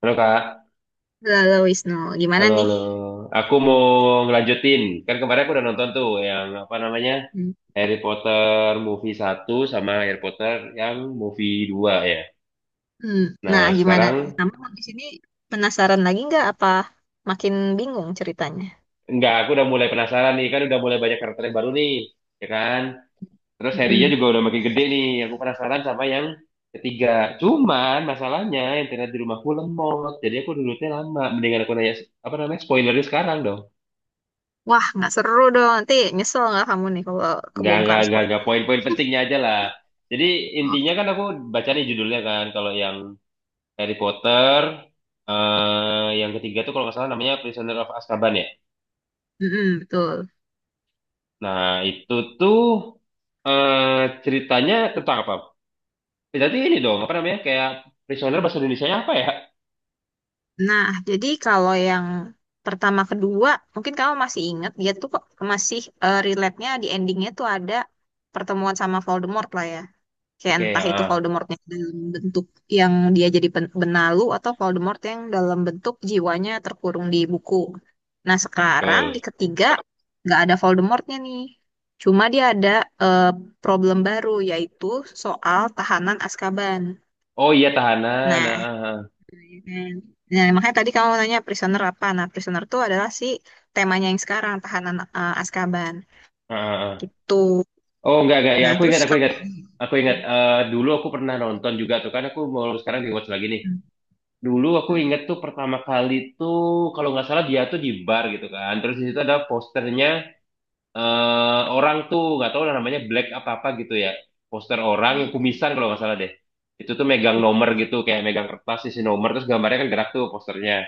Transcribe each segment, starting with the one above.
Halo, Kak, Halo Wisnu, gimana halo nih? halo. Aku mau ngelanjutin. Kan kemarin aku udah nonton tuh yang apa namanya? Hmm. Harry Potter movie satu sama Harry Potter yang movie dua ya. Hmm, Nah, Nah, gimana nih? sekarang Kamu habis ini penasaran lagi nggak apa makin bingung ceritanya? enggak, aku udah mulai penasaran nih, kan udah mulai banyak karakter yang baru nih, ya kan? Terus Harry-nya Mm-mm. juga udah makin gede nih. Aku penasaran sama yang ketiga. Cuman masalahnya internet di rumahku lemot. Jadi aku dulunya lama. Mendingan aku nanya apa namanya? Spoilernya sekarang dong. Wah, nggak seru dong. Nanti nyesel nggak kamu nih kalau kebongkar Nggak, sport? nggak. Poin-poin pentingnya aja lah. Jadi Oh. intinya kan aku baca nih judulnya kan. Kalau yang Harry Potter, eh, yang ketiga tuh kalau nggak salah namanya Prisoner of Azkaban ya. Mm-mm, betul. Nah, itu tuh eh ceritanya tentang apa? Berarti ini dong, apa namanya? Kayak Prisoner bahasa Indonesia apa ya? Nah, jadi kalau yang pertama kedua, mungkin kamu masih ingat dia tuh kok masih relate-nya di endingnya tuh ada pertemuan sama Voldemort lah ya. Kayak Oke, entah itu ah, Voldemortnya dalam bentuk yang dia jadi benalu atau Voldemort yang dalam bentuk jiwanya terkurung di buku. Nah, sekarang di betul. ketiga nggak ada Voldemortnya nih. Cuma dia ada eh, problem baru yaitu soal tahanan Azkaban. Oh iya, tahanan. Ah, Nah, ah, ya kan? Nah makanya tadi kamu nanya prisoner apa? Nah, prisoner itu adalah si temanya yang sekarang tahanan Azkaban ah, ah, ah. Ah. gitu. Oh enggak, enggak. Ya, Nah, aku ingat, terus aku kamu ingat. Aku ingat, dulu aku pernah nonton juga tuh kan aku mau sekarang di watch lagi nih. Hmm. Dulu aku Hmm. inget tuh pertama kali tuh kalau nggak salah dia tuh di bar gitu kan. Terus di situ ada posternya, orang tuh nggak tahu namanya Black apa apa gitu ya. Poster orang yang Hmm. kumisan kalau nggak salah deh. Itu tuh megang nomor Hmm. gitu kayak megang kertas isi nomor terus gambarnya kan gerak tuh posternya.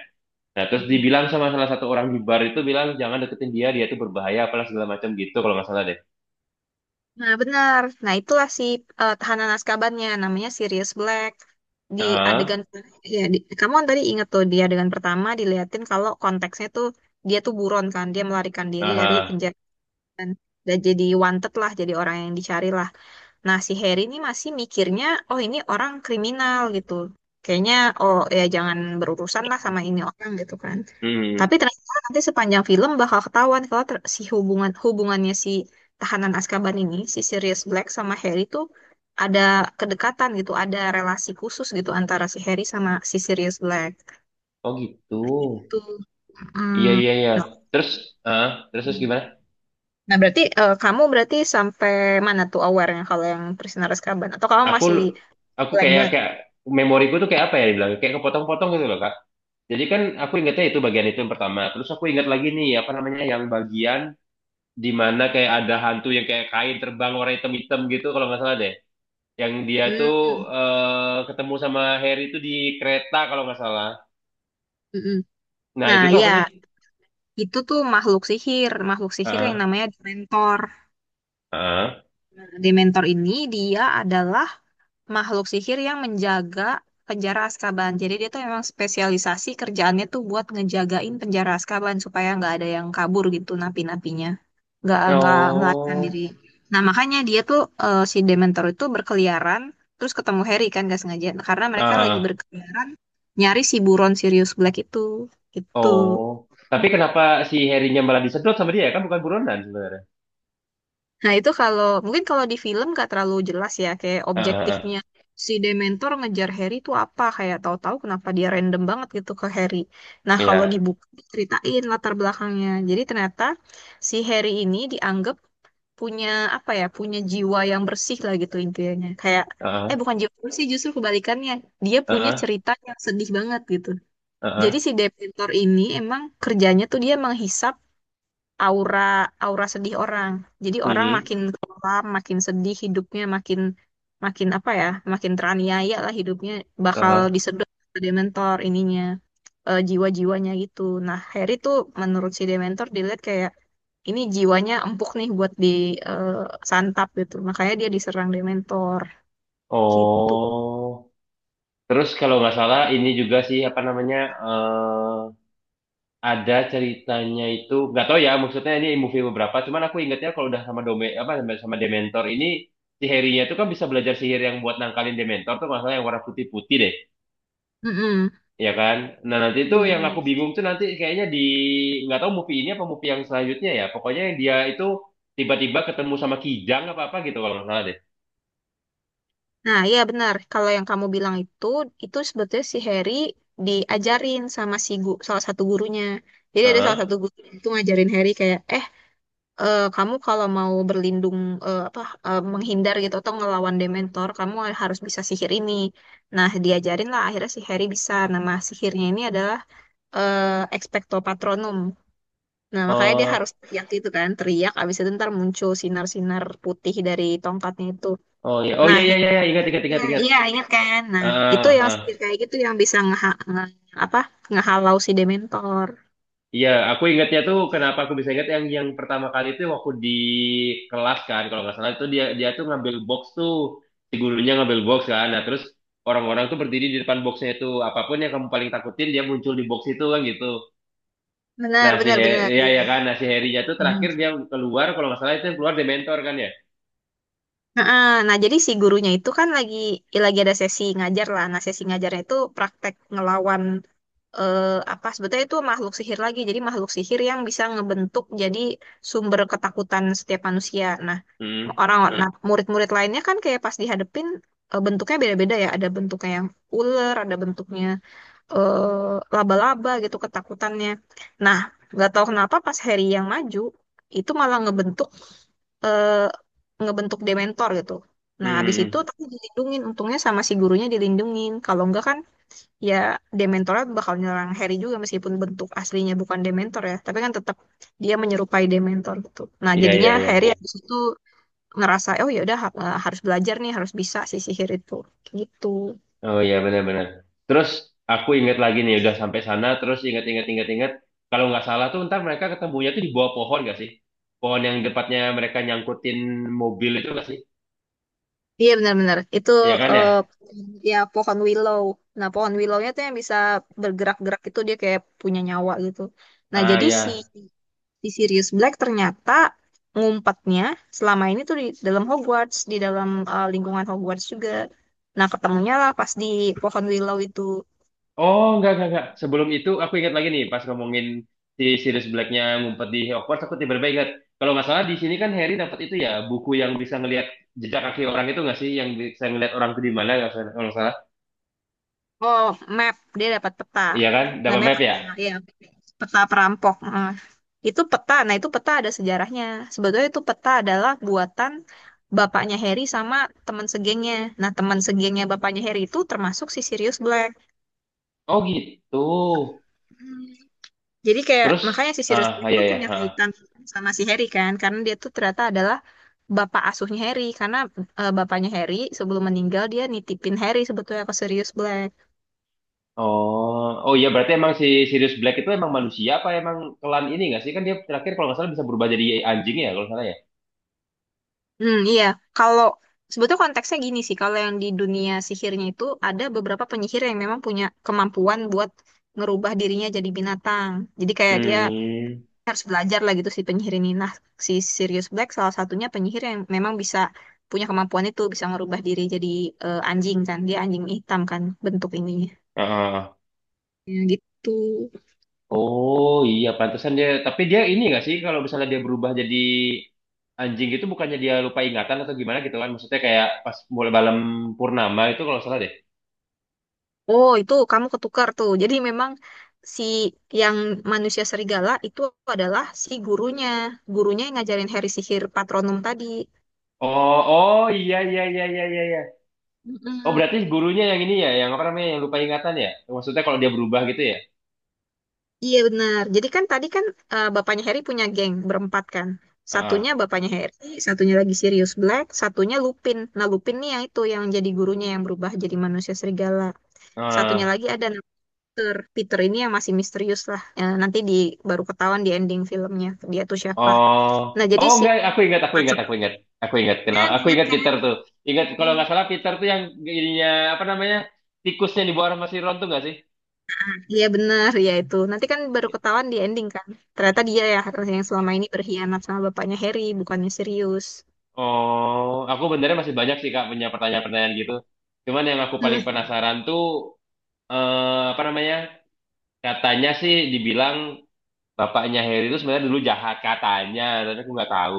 Nah, terus Hmm. dibilang sama salah satu orang di bar itu bilang jangan deketin dia, dia tuh berbahaya apalah segala macam gitu kalau nggak salah deh. Nah, benar. Nah, itulah si tahanan Azkabannya, namanya Sirius Black. Di Heeh. adegan ya di, kamu kan tadi inget tuh di adegan pertama diliatin kalau konteksnya tuh dia tuh buron kan, dia melarikan diri dari Aha. penjara kan. Dan jadi wanted lah, jadi orang yang dicari lah. Nah, si Harry ini masih mikirnya, oh ini orang kriminal gitu. Kayaknya, oh ya jangan berurusan lah sama ini orang gitu kan. Hmm. Hmm, Tapi hmm. ternyata nanti sepanjang film bakal ketahuan kalau ter- si hubungan hubungannya si tahanan Azkaban ini, si Sirius Black sama Harry tuh ada kedekatan gitu, ada relasi khusus gitu antara si Harry sama si Sirius Black. Oh gitu. Itu, Iya, iya, iya. nah, Terus, terus gimana? nah berarti kamu berarti sampai mana tuh awarenya kalau yang Prisoner Azkaban? Atau kamu aku masih aku blank kayak banget? kayak memoriku tuh kayak apa ya dibilang kayak kepotong-potong gitu loh, Kak. Jadi kan aku ingatnya itu bagian itu yang pertama. Terus aku ingat lagi nih apa namanya yang bagian di mana kayak ada hantu yang kayak kain terbang warna hitam-hitam gitu kalau nggak salah deh. Yang dia tuh, Hmm, ketemu sama Harry itu di kereta kalau nggak salah. mm-mm. Nah, itu Nah tuh apa sih? ya, itu tuh makhluk sihir yang Ah, namanya Dementor. ah, Nah, Dementor ini dia adalah makhluk sihir yang menjaga penjara Azkaban. Jadi dia tuh memang spesialisasi kerjaannya tuh buat ngejagain penjara Azkaban supaya nggak ada yang kabur gitu napi-napinya. Nggak melarikan diri. oh, Nah makanya dia tuh si Dementor itu berkeliaran terus ketemu Harry kan gak sengaja karena mereka lagi ah, berkeliaran nyari si buron Sirius Black itu gitu. oh. Tapi kenapa si Harry-nya malah disedot sama dia, ya? Kan bukan buronan sebenarnya. Nah, itu kalau mungkin kalau di film gak terlalu jelas ya kayak Ah, ah, objektifnya ah. si Dementor ngejar Harry itu apa kayak tahu-tahu kenapa dia random banget gitu ke Harry. Nah, kalau di Iya. buku ceritain latar belakangnya. Jadi ternyata si Harry ini dianggap punya apa ya, punya jiwa yang bersih lah gitu intinya. Kayak Ah, bukan jiwa bersih justru kebalikannya. Dia ah. punya Ah. cerita yang sedih banget gitu. Jadi Heeh, si Dementor ini emang kerjanya tuh dia menghisap aura aura sedih orang. Jadi orang makin mhm, kelam, makin sedih hidupnya, makin makin apa ya, makin teraniaya lah hidupnya bakal heeh. disedot ke Dementor ininya jiwa-jiwanya gitu. Nah, Harry tuh menurut si Dementor dilihat kayak ini jiwanya empuk nih buat disantap gitu. Makanya dia diserang Dementor gitu. Oh, terus kalau nggak salah ini juga sih apa namanya, eh ada ceritanya itu nggak tahu ya maksudnya ini movie beberapa. Cuman aku ingatnya kalau udah sama Dome apa sama Dementor ini, si Harry-nya itu kan bisa belajar sihir yang buat nangkalin Dementor tuh nggak salah yang warna putih-putih deh, ya kan? Nah, nanti itu yang aku Mm-mm. bingung tuh nanti kayaknya di nggak tahu movie ini apa movie yang selanjutnya ya. Pokoknya yang dia itu tiba-tiba ketemu sama Kijang apa apa gitu kalau nggak salah deh. Nah, iya benar. Kalau yang kamu bilang itu sebetulnya si Harry diajarin sama salah satu gurunya. Jadi ada salah satu guru itu ngajarin Harry kayak, kamu kalau mau berlindung eh, apa menghindar gitu atau ngelawan Dementor, kamu harus bisa sihir ini. Nah, diajarin lah akhirnya si Harry bisa. Nama sihirnya ini adalah Expecto Patronum. Nah, makanya dia Heeh. harus teriak gitu kan, teriak, abis itu ntar muncul sinar-sinar putih dari tongkatnya itu. Oh ya, oh Nah, ya, ya, ya, ya. Ingat, ingat, ya, ingat, ingat. iya ingat kan. Nah, Ah, itu yang ah. sihir kayak gitu yang bisa ngeha nge- apa ngehalau si Dementor. Iya, aku ingatnya tuh kenapa aku bisa ingat yang pertama kali itu waktu di kelas kan, kalau nggak salah itu dia dia tuh ngambil box tuh, si gurunya ngambil box kan, nah terus orang-orang tuh berdiri di depan boxnya itu apapun yang kamu paling takutin dia muncul di box itu kan gitu. Benar, Nah, benar, benar. ya, Iya. ya kan, nah si Harry-nya tuh Hmm. terakhir dia keluar kalau nggak salah itu yang keluar Dementor kan ya. Nah, nah, jadi si gurunya itu kan lagi ya lagi ada sesi ngajar lah. Nah, sesi ngajarnya itu praktek ngelawan eh, apa sebetulnya itu makhluk sihir lagi. Jadi makhluk sihir yang bisa ngebentuk jadi sumber ketakutan setiap manusia. Nah, Hmm, orang Hmm. Nah, murid-murid lainnya kan kayak pas dihadepin bentuknya beda-beda ya. Ada bentuknya yang ular, ada bentuknya laba-laba gitu ketakutannya. Nah, nggak tahu kenapa pas Harry yang maju itu malah ngebentuk eh, ngebentuk Dementor gitu. hmm, Nah, habis hmm. itu Hmm. tapi dilindungin, untungnya sama si gurunya dilindungin. Kalau enggak kan ya Dementornya bakal nyerang Harry juga meskipun bentuk aslinya bukan Dementor ya, tapi kan tetap dia menyerupai Dementor gitu. Nah, Iya, jadinya iya, iya. Harry habis itu ngerasa oh ya udah harus belajar nih, harus bisa si sihir itu. Gitu. Oh iya, benar-benar. Terus aku ingat lagi nih udah sampai sana terus ingat-ingat kalau nggak salah tuh ntar mereka ketemunya tuh di bawah pohon nggak sih? Pohon yang depannya mereka nyangkutin mobil itu nggak sih? Iya benar-benar itu Iya kan ya? eh, ya pohon willow. Nah pohon willownya tuh yang bisa bergerak-gerak itu dia kayak punya nyawa gitu. Nah Ah jadi si ya. si Sirius Black ternyata ngumpetnya selama ini tuh di dalam Hogwarts, di dalam lingkungan Hogwarts juga. Nah ketemunya lah pas di pohon willow itu. Oh, nggak, nggak, nggak. Sebelum itu aku ingat lagi nih pas ngomongin si Sirius Blacknya ngumpet di Hogwarts, aku tiba-tiba ingat kalau nggak salah di sini kan Harry dapat itu ya buku yang bisa ngelihat jejak kaki orang itu nggak sih? Yang bisa ngelihat orang itu di mana nggak salah- kalau nggak salah? Oh, map. Dia dapat peta. Iya kan? Dapat Namanya map ya? map, ya, peta perampok. Nah, itu peta. Nah, itu peta ada sejarahnya. Sebetulnya itu peta adalah buatan bapaknya Harry sama teman segengnya. Nah, teman segengnya bapaknya Harry itu termasuk si Sirius Black. Oh gitu. Hmm. Jadi kayak Terus, makanya si Sirius ah, Black ah, itu ya, ya. punya Ah. kaitan sama si Harry kan, karena dia tuh ternyata adalah bapak asuhnya Harry. Karena bapaknya Harry sebelum meninggal dia nitipin Harry sebetulnya ke Sirius Black. Oh, oh iya, berarti emang si Sirius Black itu emang manusia apa emang kelan ini nggak sih? Kan dia terakhir kalau nggak salah bisa berubah jadi anjing ya kalau nggak salah ya. Hmm, iya. Kalau sebetulnya konteksnya gini sih, kalau yang di dunia sihirnya itu ada beberapa penyihir yang memang punya kemampuan buat ngerubah dirinya jadi binatang. Jadi kayak dia Hmm. harus belajar lah gitu si penyihir ini. Nah, si Sirius Black salah satunya penyihir yang memang bisa punya kemampuan itu, bisa ngerubah diri jadi anjing kan. Dia anjing hitam kan bentuk ininya. Ah. Ya, gitu. Oh iya pantesan dia. Tapi dia ini nggak sih kalau misalnya dia berubah jadi anjing itu bukannya dia lupa ingatan atau gimana gitu kan? Maksudnya kayak pas mulai malam purnama itu kalau nggak salah deh. Oh, itu kamu ketukar tuh. Jadi memang si yang manusia serigala itu adalah si gurunya. Gurunya yang ngajarin Harry sihir patronum tadi. Oh, oh iya, iya, iya, iya, iya. Iya. Oh berarti Mm-mm. gurunya yang ini ya, yang apa namanya yang lupa ingatan ya? Maksudnya kalau dia berubah gitu ya? Iya benar. Jadi kan tadi kan, bapaknya Harry punya geng berempat kan. Satunya bapaknya Harry, satunya lagi Sirius Black, satunya Lupin. Nah Lupin nih yang itu yang jadi gurunya yang berubah jadi manusia serigala. Satunya Heeh. lagi ada Peter. Peter ini yang masih misterius lah. Nanti di baru ketahuan di ending filmnya dia tuh siapa. Oh, Nah jadi oh si enggak, aku ingat, aku ingat, aku empat. ingat, aku ingat, kenal, Kan aku ingat ingat kan? Peter tuh, ingat kalau nggak salah Peter tuh yang ininya apa namanya tikusnya di bawah sama si Ron tuh nggak sih? Iya benar, ya itu. Nanti kan baru ketahuan di ending kan. Ternyata dia ya yang selama ini berkhianat sama bapaknya Harry, bukannya serius. Oh, aku benernya masih banyak sih Kak punya pertanyaan-pertanyaan gitu. Cuman yang aku paling Hmm. penasaran tuh, apa namanya? Katanya sih dibilang bapaknya Harry itu sebenarnya dulu jahat katanya, tapi aku nggak tahu.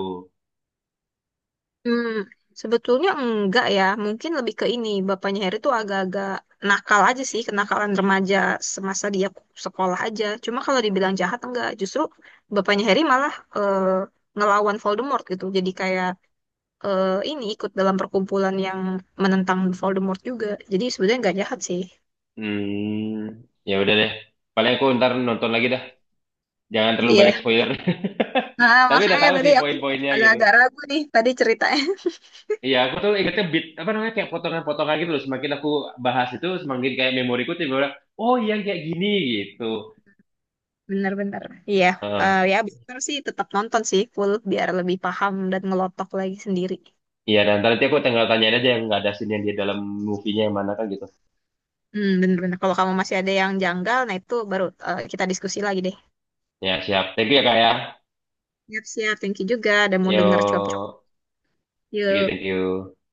Hmm. Sebetulnya enggak ya, mungkin lebih ke ini. Bapaknya Harry tuh agak-agak nakal aja sih, kenakalan remaja semasa dia sekolah aja. Cuma kalau dibilang jahat enggak, justru bapaknya Harry malah eh, ngelawan Voldemort gitu. Jadi kayak ini ikut dalam perkumpulan yang menentang Voldemort juga. Jadi sebenarnya enggak jahat sih. Hmm, ya udah deh. Paling aku ntar nonton lagi dah. Jangan terlalu banyak Iya, spoiler. nah, Tapi udah makanya tahu tadi sih aku poin-poinnya gitu. agak-agak ragu nih tadi ceritanya. Iya, aku tuh ingetnya bit apa namanya, kayak potongan-potongan gitu loh. Semakin aku bahas itu, semakin kayak memoriku tiba bilang, oh iya kayak gini gitu. Bener-bener. Iya, Heeh. ya bener sih tetap nonton sih full biar lebih paham dan ngelotok lagi sendiri. Iya, dan nanti aku tinggal tanyain aja yang nggak ada scene yang di dalam movie-nya yang mana kan gitu. Hmm, bener-bener. Kalau kamu masih ada yang janggal, nah itu baru kita diskusi lagi deh. Ya, siap. Thank you ya, Kak ya. Siap-siap, thank you juga. Udah mau denger cuap-cuap. Yo, thank you, Yuk. thank you.